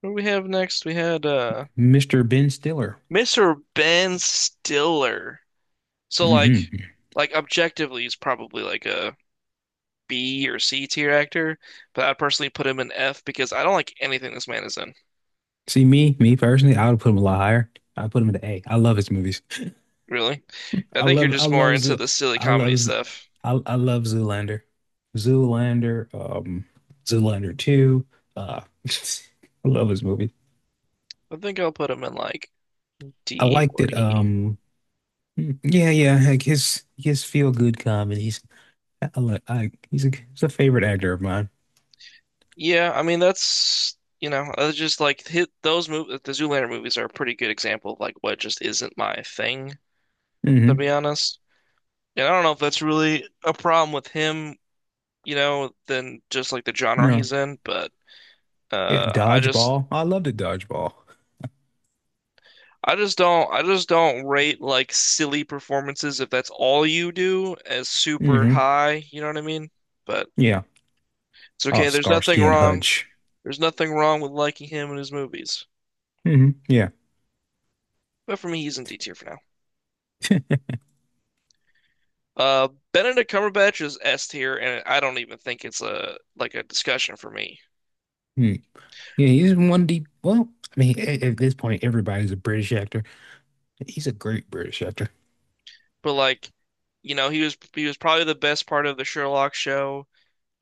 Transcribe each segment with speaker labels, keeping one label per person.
Speaker 1: What do we have next? We had
Speaker 2: Mr. Ben Stiller.
Speaker 1: Mr. Ben Stiller. So like
Speaker 2: Hmm.
Speaker 1: like objectively he's probably like a B or C tier actor, but I'd personally put him in F because I don't like anything this man is in,
Speaker 2: See me personally, I would put him a lot higher. I put him in the A. I love his movies.
Speaker 1: really. I think you're
Speaker 2: I
Speaker 1: just more
Speaker 2: love
Speaker 1: into
Speaker 2: Zoo.
Speaker 1: the silly
Speaker 2: I
Speaker 1: comedy
Speaker 2: love, Z-
Speaker 1: stuff.
Speaker 2: I love Zoolander. Zoolander. Zoolander Two. Uh, I love his movie.
Speaker 1: I think I'll put him in like
Speaker 2: I
Speaker 1: D
Speaker 2: liked
Speaker 1: or
Speaker 2: it.
Speaker 1: E.
Speaker 2: Yeah, yeah. Like his feel good comedies. I, li- I he's a favorite actor of mine.
Speaker 1: Yeah, I mean that's just like hit those mov the Zoolander movies are a pretty good example of like what just isn't my thing,
Speaker 2: Mm
Speaker 1: to
Speaker 2: hmm.
Speaker 1: be honest. And I don't know if that's really a problem with him, you know, than just like the genre
Speaker 2: Yeah.
Speaker 1: he's in, but
Speaker 2: Yeah.
Speaker 1: uh I just
Speaker 2: Dodgeball. I loved the Dodgeball.
Speaker 1: I just don't rate like silly performances if that's all you do as
Speaker 2: Mm
Speaker 1: super
Speaker 2: hmm.
Speaker 1: high, you know what I mean? But
Speaker 2: Yeah.
Speaker 1: it's
Speaker 2: Oh,
Speaker 1: okay. There's nothing
Speaker 2: Starsky and
Speaker 1: wrong.
Speaker 2: Hutch.
Speaker 1: There's nothing wrong with liking him and his movies.
Speaker 2: Hmm. Yeah.
Speaker 1: But for me, he's in D tier for now. Benedict Cumberbatch is S tier and I don't even think it's a like a discussion for me.
Speaker 2: Mm. Yeah, he's in one deep. Well, I mean, at this point, everybody's a British actor. He's a great British actor.
Speaker 1: But like, he was probably the best part of the Sherlock show.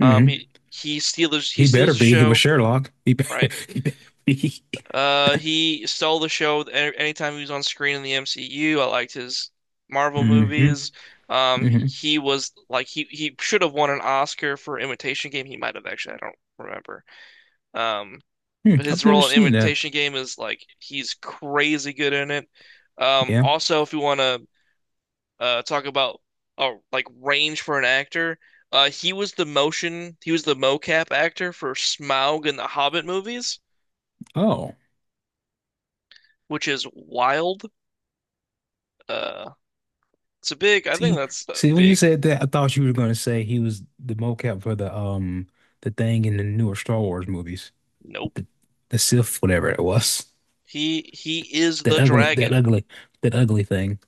Speaker 1: Um,
Speaker 2: Hmm.
Speaker 1: he
Speaker 2: He
Speaker 1: steals
Speaker 2: better
Speaker 1: the
Speaker 2: be. He was
Speaker 1: show,
Speaker 2: Sherlock.
Speaker 1: right?
Speaker 2: He better be.
Speaker 1: He stole the show anytime he was on screen in the MCU. I liked his Marvel
Speaker 2: Hmm hmm.
Speaker 1: movies.
Speaker 2: Hmm.
Speaker 1: He was like he should have won an Oscar for Imitation Game. He might have actually, I don't remember. Um, but his
Speaker 2: I've never
Speaker 1: role in
Speaker 2: seen that.
Speaker 1: Imitation Game is like he's crazy good in it.
Speaker 2: Yeah.
Speaker 1: Also, if you want to talk about like range for an actor. He was the mocap actor for Smaug in the Hobbit movies,
Speaker 2: Oh.
Speaker 1: which is wild. Uh it's a big I think
Speaker 2: See,
Speaker 1: that's a
Speaker 2: see, when you
Speaker 1: big
Speaker 2: said that, I thought you were going to say he was the mocap for the thing in the newer Star Wars movies,
Speaker 1: nope.
Speaker 2: the the Sith, whatever it was.
Speaker 1: He is
Speaker 2: That
Speaker 1: the
Speaker 2: ugly, that
Speaker 1: dragon.
Speaker 2: ugly, that ugly thing.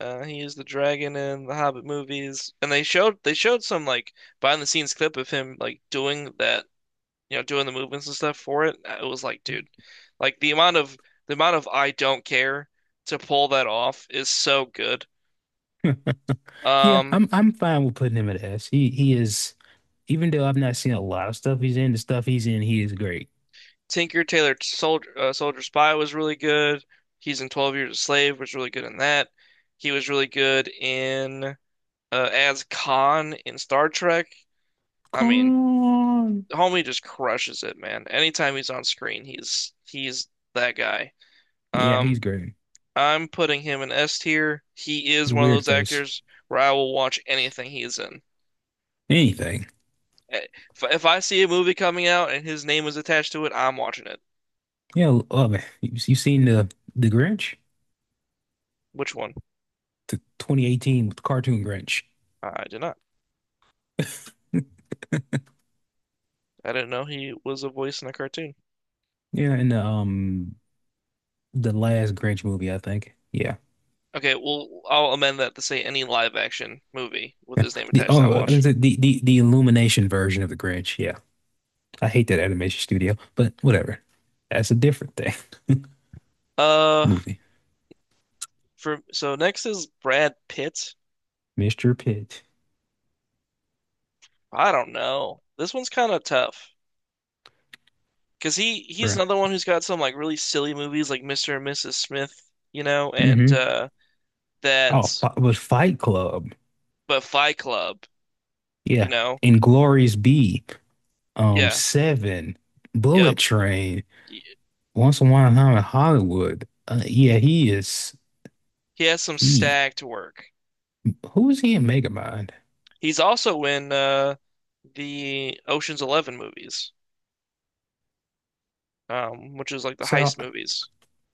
Speaker 1: He is the dragon in the Hobbit movies. And they showed some like behind the scenes clip of him like doing that you know, doing the movements and stuff for it, it was like, dude, like the amount of I don't care to pull that off is so good.
Speaker 2: Yeah,
Speaker 1: Um,
Speaker 2: I'm fine with putting him at S. He is. Even though I've not seen a lot of stuff he's in, the stuff he's in, he is great.
Speaker 1: Tinker Tailor Soldier Soldier Spy was really good. He's in 12 Years a Slave was really good in that. He was really good in as Khan in Star Trek. I mean,
Speaker 2: Come on.
Speaker 1: homie just crushes it, man. Anytime he's on screen, he's that guy.
Speaker 2: Yeah,
Speaker 1: Um,
Speaker 2: he's great.
Speaker 1: I'm putting him in S tier. He is
Speaker 2: His
Speaker 1: one of
Speaker 2: weird
Speaker 1: those
Speaker 2: face.
Speaker 1: actors where I will watch anything he is in.
Speaker 2: Anything.
Speaker 1: Eh, if I see a movie coming out and his name is attached to it, I'm watching it.
Speaker 2: Yeah, love it. You seen the Grinch?
Speaker 1: Which one?
Speaker 2: The 2018 cartoon Grinch.
Speaker 1: I did not. I didn't know he was a voice in a cartoon.
Speaker 2: Yeah, and the last Grinch movie, I think. Yeah.
Speaker 1: Okay, well, I'll amend that to say any live action movie with his name
Speaker 2: The
Speaker 1: attached, I'll
Speaker 2: oh
Speaker 1: watch.
Speaker 2: is it the Illumination version of the Grinch. Yeah. I hate that animation studio, but whatever. That's a different thing.
Speaker 1: Uh,
Speaker 2: Movie.
Speaker 1: for So next is Brad Pitt.
Speaker 2: Mr. Pitt.
Speaker 1: I don't know. This one's kind of tough because he's
Speaker 2: Bruh.
Speaker 1: another one who's got some like really silly movies like Mr. and Mrs. Smith, you know, and
Speaker 2: Mm-hmm. Oh,
Speaker 1: That's
Speaker 2: was Fight Club.
Speaker 1: but Fight Club, you
Speaker 2: Yeah.
Speaker 1: know?
Speaker 2: Inglorious B,
Speaker 1: Yeah.
Speaker 2: Seven,
Speaker 1: Yep.
Speaker 2: Bullet Train,
Speaker 1: He
Speaker 2: Once Upon a Time in Hollywood. Yeah, he is
Speaker 1: has some
Speaker 2: he.
Speaker 1: stacked work.
Speaker 2: Who is he in Megamind?
Speaker 1: He's also in the Ocean's 11 movies, which is like the
Speaker 2: So,
Speaker 1: heist movies.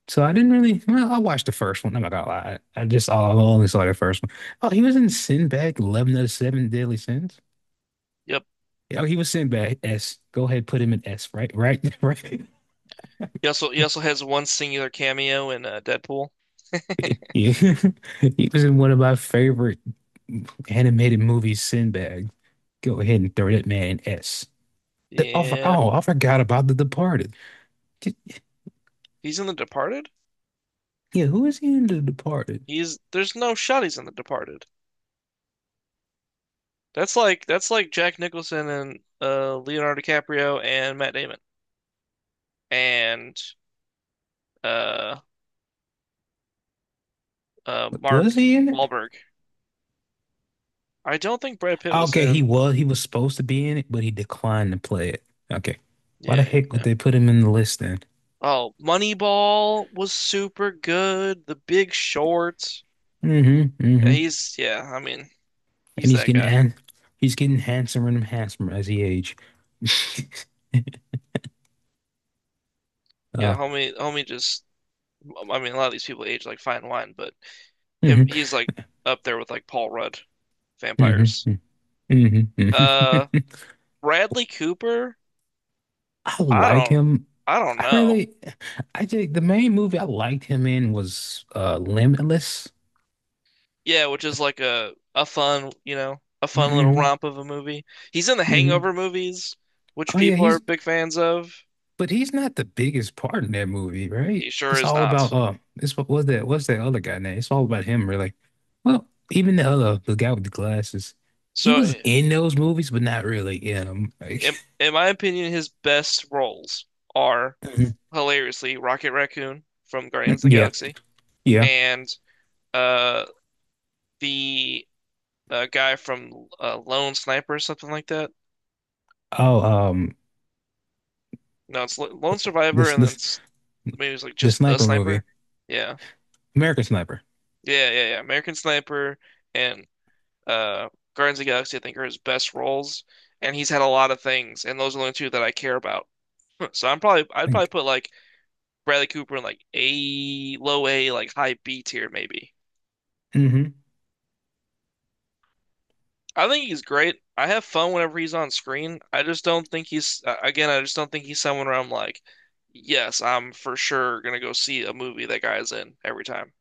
Speaker 2: so I didn't really. Well, I watched the first one. I'm not gonna lie. I only saw the first one. Oh, he was in Sinbad, 11 of the Seven Deadly Sins.
Speaker 1: Yep.
Speaker 2: Oh, he was Sinbad S. Go ahead, put him in S. Right, right, right.
Speaker 1: He also has one singular cameo in Deadpool.
Speaker 2: Yeah, he was in one of my favorite animated movies, Sinbad. Go ahead and throw that man in S. The, oh,
Speaker 1: Yeah.
Speaker 2: oh, I forgot about The Departed. Did-
Speaker 1: He's in The Departed?
Speaker 2: yeah, who is he in The Departed?
Speaker 1: He's There's no shot he's in The Departed. That's like Jack Nicholson and Leonardo DiCaprio and Matt Damon and uh
Speaker 2: Was
Speaker 1: Mark
Speaker 2: he in it?
Speaker 1: Wahlberg. I don't think Brad Pitt was
Speaker 2: Okay,
Speaker 1: in.
Speaker 2: he was. He was supposed to be in it, but he declined to play it. Okay. Why the
Speaker 1: Yeah, yeah,
Speaker 2: heck would
Speaker 1: yeah.
Speaker 2: they put him in the list then?
Speaker 1: Oh, Moneyball was super good. The Big Short.
Speaker 2: Mm-hmm. Mm-hmm.
Speaker 1: He's yeah. I mean,
Speaker 2: And
Speaker 1: he's
Speaker 2: he's
Speaker 1: that guy.
Speaker 2: getting handsomer and handsomer as he age.
Speaker 1: Yeah,
Speaker 2: uh,
Speaker 1: homie. Just I mean, a lot of these people age like fine wine, but him,
Speaker 2: hmm
Speaker 1: he's like up there with like Paul Rudd,
Speaker 2: hmm
Speaker 1: vampires.
Speaker 2: hmm hmm
Speaker 1: Uh, Bradley Cooper.
Speaker 2: I
Speaker 1: I
Speaker 2: like
Speaker 1: don't,
Speaker 2: him.
Speaker 1: I don't
Speaker 2: I
Speaker 1: know.
Speaker 2: really, I think the main movie I liked him in was Limitless.
Speaker 1: Yeah, which is like a fun, you know, a fun little
Speaker 2: Mm-hmm.
Speaker 1: romp of a movie. He's in the
Speaker 2: Mm-hmm.
Speaker 1: Hangover movies, which
Speaker 2: Oh yeah,
Speaker 1: people are
Speaker 2: he's
Speaker 1: big fans of.
Speaker 2: but he's not the biggest part in that movie, right?
Speaker 1: He sure
Speaker 2: It's
Speaker 1: is
Speaker 2: all about
Speaker 1: not.
Speaker 2: it's what was that? What's that other guy name? It's all about him, really. Well, even the other the guy with the glasses, he
Speaker 1: So,
Speaker 2: was in those movies, but not really in them. Like,
Speaker 1: in my opinion, his best roles are
Speaker 2: mhm.
Speaker 1: hilariously Rocket Raccoon from Guardians of the
Speaker 2: Yeah,
Speaker 1: Galaxy
Speaker 2: yeah.
Speaker 1: and uh the guy from Lone Sniper or something like that.
Speaker 2: Oh,
Speaker 1: No, it's Lone Survivor,
Speaker 2: this
Speaker 1: and then
Speaker 2: this
Speaker 1: it's, maybe it's like
Speaker 2: the
Speaker 1: just the
Speaker 2: sniper movie,
Speaker 1: Sniper. Yeah,
Speaker 2: American Sniper.
Speaker 1: yeah, yeah, yeah. American Sniper and uh Guardians of the Galaxy, I think, are his best roles, and he's had a lot of things, and those are the only two that I care about. So I'd
Speaker 2: I
Speaker 1: probably
Speaker 2: think.
Speaker 1: put like Bradley Cooper in like A, low A, like high B tier maybe.
Speaker 2: Hmm.
Speaker 1: I think he's great. I have fun whenever he's on screen. I just don't think he's again, I just don't think he's someone where I'm like, yes, I'm for sure gonna go see a movie that guy's in every time.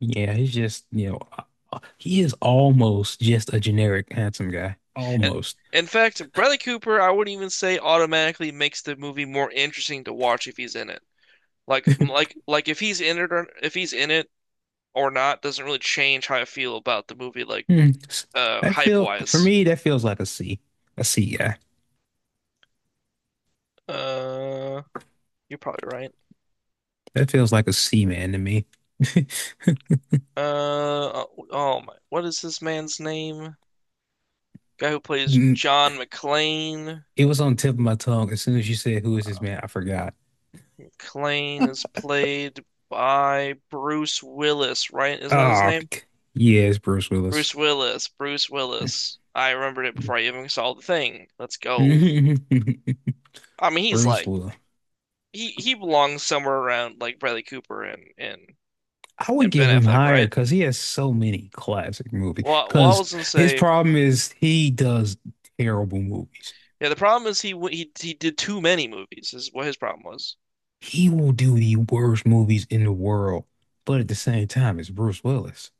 Speaker 2: Yeah, he's just he is almost just a generic handsome guy,
Speaker 1: And
Speaker 2: almost.
Speaker 1: in fact, Bradley Cooper, I wouldn't even say automatically makes the movie more interesting to watch if he's in it. Like if he's in it or if he's in it or not doesn't really change how I feel about the movie, like
Speaker 2: Hmm. That
Speaker 1: hype
Speaker 2: feel for
Speaker 1: wise.
Speaker 2: me, that feels like a C. A C, yeah.
Speaker 1: Uh, you're probably right.
Speaker 2: That feels like a C man to me.
Speaker 1: Oh my, what is this man's name? Guy who plays
Speaker 2: Mm,
Speaker 1: John McClane.
Speaker 2: it was on the tip of my tongue. As soon as you said who is this man, I forgot.
Speaker 1: McClane is played by Bruce Willis, right? Isn't that his
Speaker 2: Oh,
Speaker 1: name?
Speaker 2: yeah, it's Bruce Willis.
Speaker 1: Bruce Willis. Bruce Willis. I remembered it
Speaker 2: Bruce
Speaker 1: before I even saw the thing. Let's go. I mean, he's
Speaker 2: Willis.
Speaker 1: like he belongs somewhere around like Bradley Cooper and
Speaker 2: I would
Speaker 1: and Ben
Speaker 2: give him
Speaker 1: Affleck,
Speaker 2: higher
Speaker 1: right?
Speaker 2: because he has so many classic movies.
Speaker 1: Well, I
Speaker 2: Because
Speaker 1: was gonna
Speaker 2: his
Speaker 1: say,
Speaker 2: problem is he does terrible movies.
Speaker 1: yeah. The problem is he w- he did too many movies. Is what his problem was.
Speaker 2: He will do the worst movies in the world, but at the same time, it's Bruce Willis.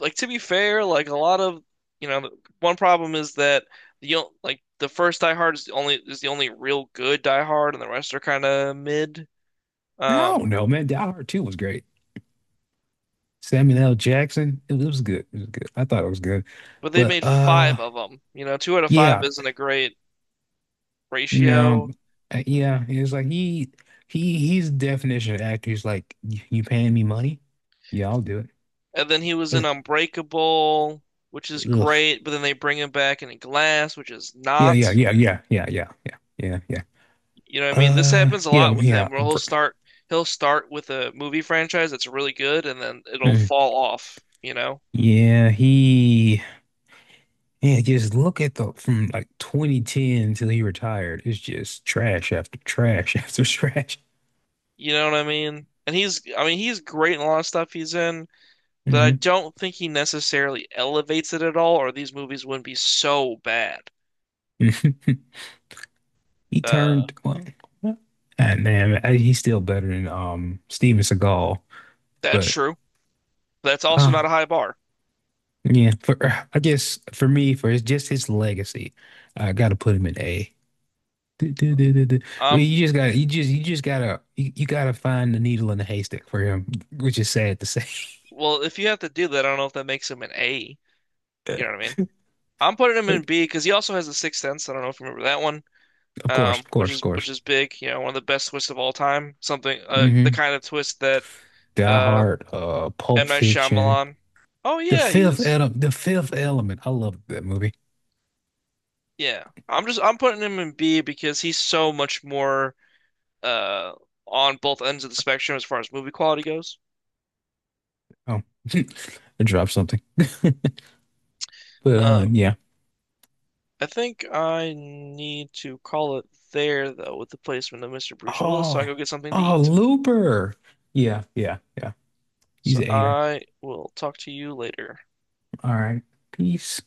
Speaker 1: Like to be fair, like a lot of you know, one problem is that like the first Die Hard is the only real good Die Hard, and the rest are kind of mid.
Speaker 2: I don't
Speaker 1: Um,
Speaker 2: know, man. Die Hard 2 was great. Samuel L. Jackson, it was good. It was good. I thought it was good.
Speaker 1: but they
Speaker 2: But
Speaker 1: made five of them. You know, two out of five
Speaker 2: yeah,
Speaker 1: isn't a great
Speaker 2: no,
Speaker 1: ratio.
Speaker 2: yeah, it's like he's the definition of actor. He's like, "You paying me money? Yeah, I'll do it."
Speaker 1: And then he was in
Speaker 2: But
Speaker 1: Unbreakable, which is
Speaker 2: ugh.
Speaker 1: great, but then they bring him back in Glass, which is
Speaker 2: Yeah,
Speaker 1: not.
Speaker 2: yeah, yeah, yeah, yeah, yeah, yeah, yeah, yeah.
Speaker 1: You know what I mean? This happens a
Speaker 2: Yeah,
Speaker 1: lot with
Speaker 2: yeah.
Speaker 1: him, where he'll start with a movie franchise that's really good, and then it'll
Speaker 2: Mm.
Speaker 1: fall off. You know?
Speaker 2: Yeah, he yeah, just look at the from like 2010 till he retired. It's just trash after trash after trash.
Speaker 1: You know what I mean? And I mean, he's great in a lot of stuff he's in, but I
Speaker 2: Mm-hmm.
Speaker 1: don't think he necessarily elevates it at all, or these movies wouldn't be so bad.
Speaker 2: He
Speaker 1: Uh,
Speaker 2: turned well, and man, he's still better than Steven Seagal.
Speaker 1: that's
Speaker 2: But
Speaker 1: true. That's also
Speaker 2: uh,
Speaker 1: not a high bar.
Speaker 2: yeah, for I guess for me, just his legacy, I gotta put him in A. Du- du- du- du- du. I
Speaker 1: Um,
Speaker 2: mean, you gotta find the needle in the haystack for him, which is sad to say.
Speaker 1: well, if you have to do that, I don't know if that makes him an A. You know what I mean? I'm putting him
Speaker 2: But
Speaker 1: in B because he also has The Sixth Sense. I don't know if you remember that one,
Speaker 2: of course, of
Speaker 1: which
Speaker 2: course, of
Speaker 1: is
Speaker 2: course.
Speaker 1: big. You know, one of the best twists of all time. Something, the
Speaker 2: Hmm.
Speaker 1: kind of twist that
Speaker 2: Die
Speaker 1: uh,
Speaker 2: Hard,
Speaker 1: M.
Speaker 2: Pulp
Speaker 1: Night
Speaker 2: Fiction,
Speaker 1: Shyamalan. Oh
Speaker 2: The
Speaker 1: yeah, he
Speaker 2: Fifth
Speaker 1: was.
Speaker 2: Element, The Fifth Element. I love that movie.
Speaker 1: Yeah, I'm just I'm putting him in B because he's so much more uh on both ends of the spectrum as far as movie quality goes.
Speaker 2: Oh, I dropped something. But
Speaker 1: Uh,
Speaker 2: yeah.
Speaker 1: I think I need to call it there though with the placement of Mr. Bruce Willis, so
Speaker 2: Oh,
Speaker 1: I can go get something to
Speaker 2: oh,
Speaker 1: eat.
Speaker 2: Looper. Yeah, yeah, yeah.
Speaker 1: So
Speaker 2: He's a air.
Speaker 1: I will talk to you later.
Speaker 2: All right. Peace.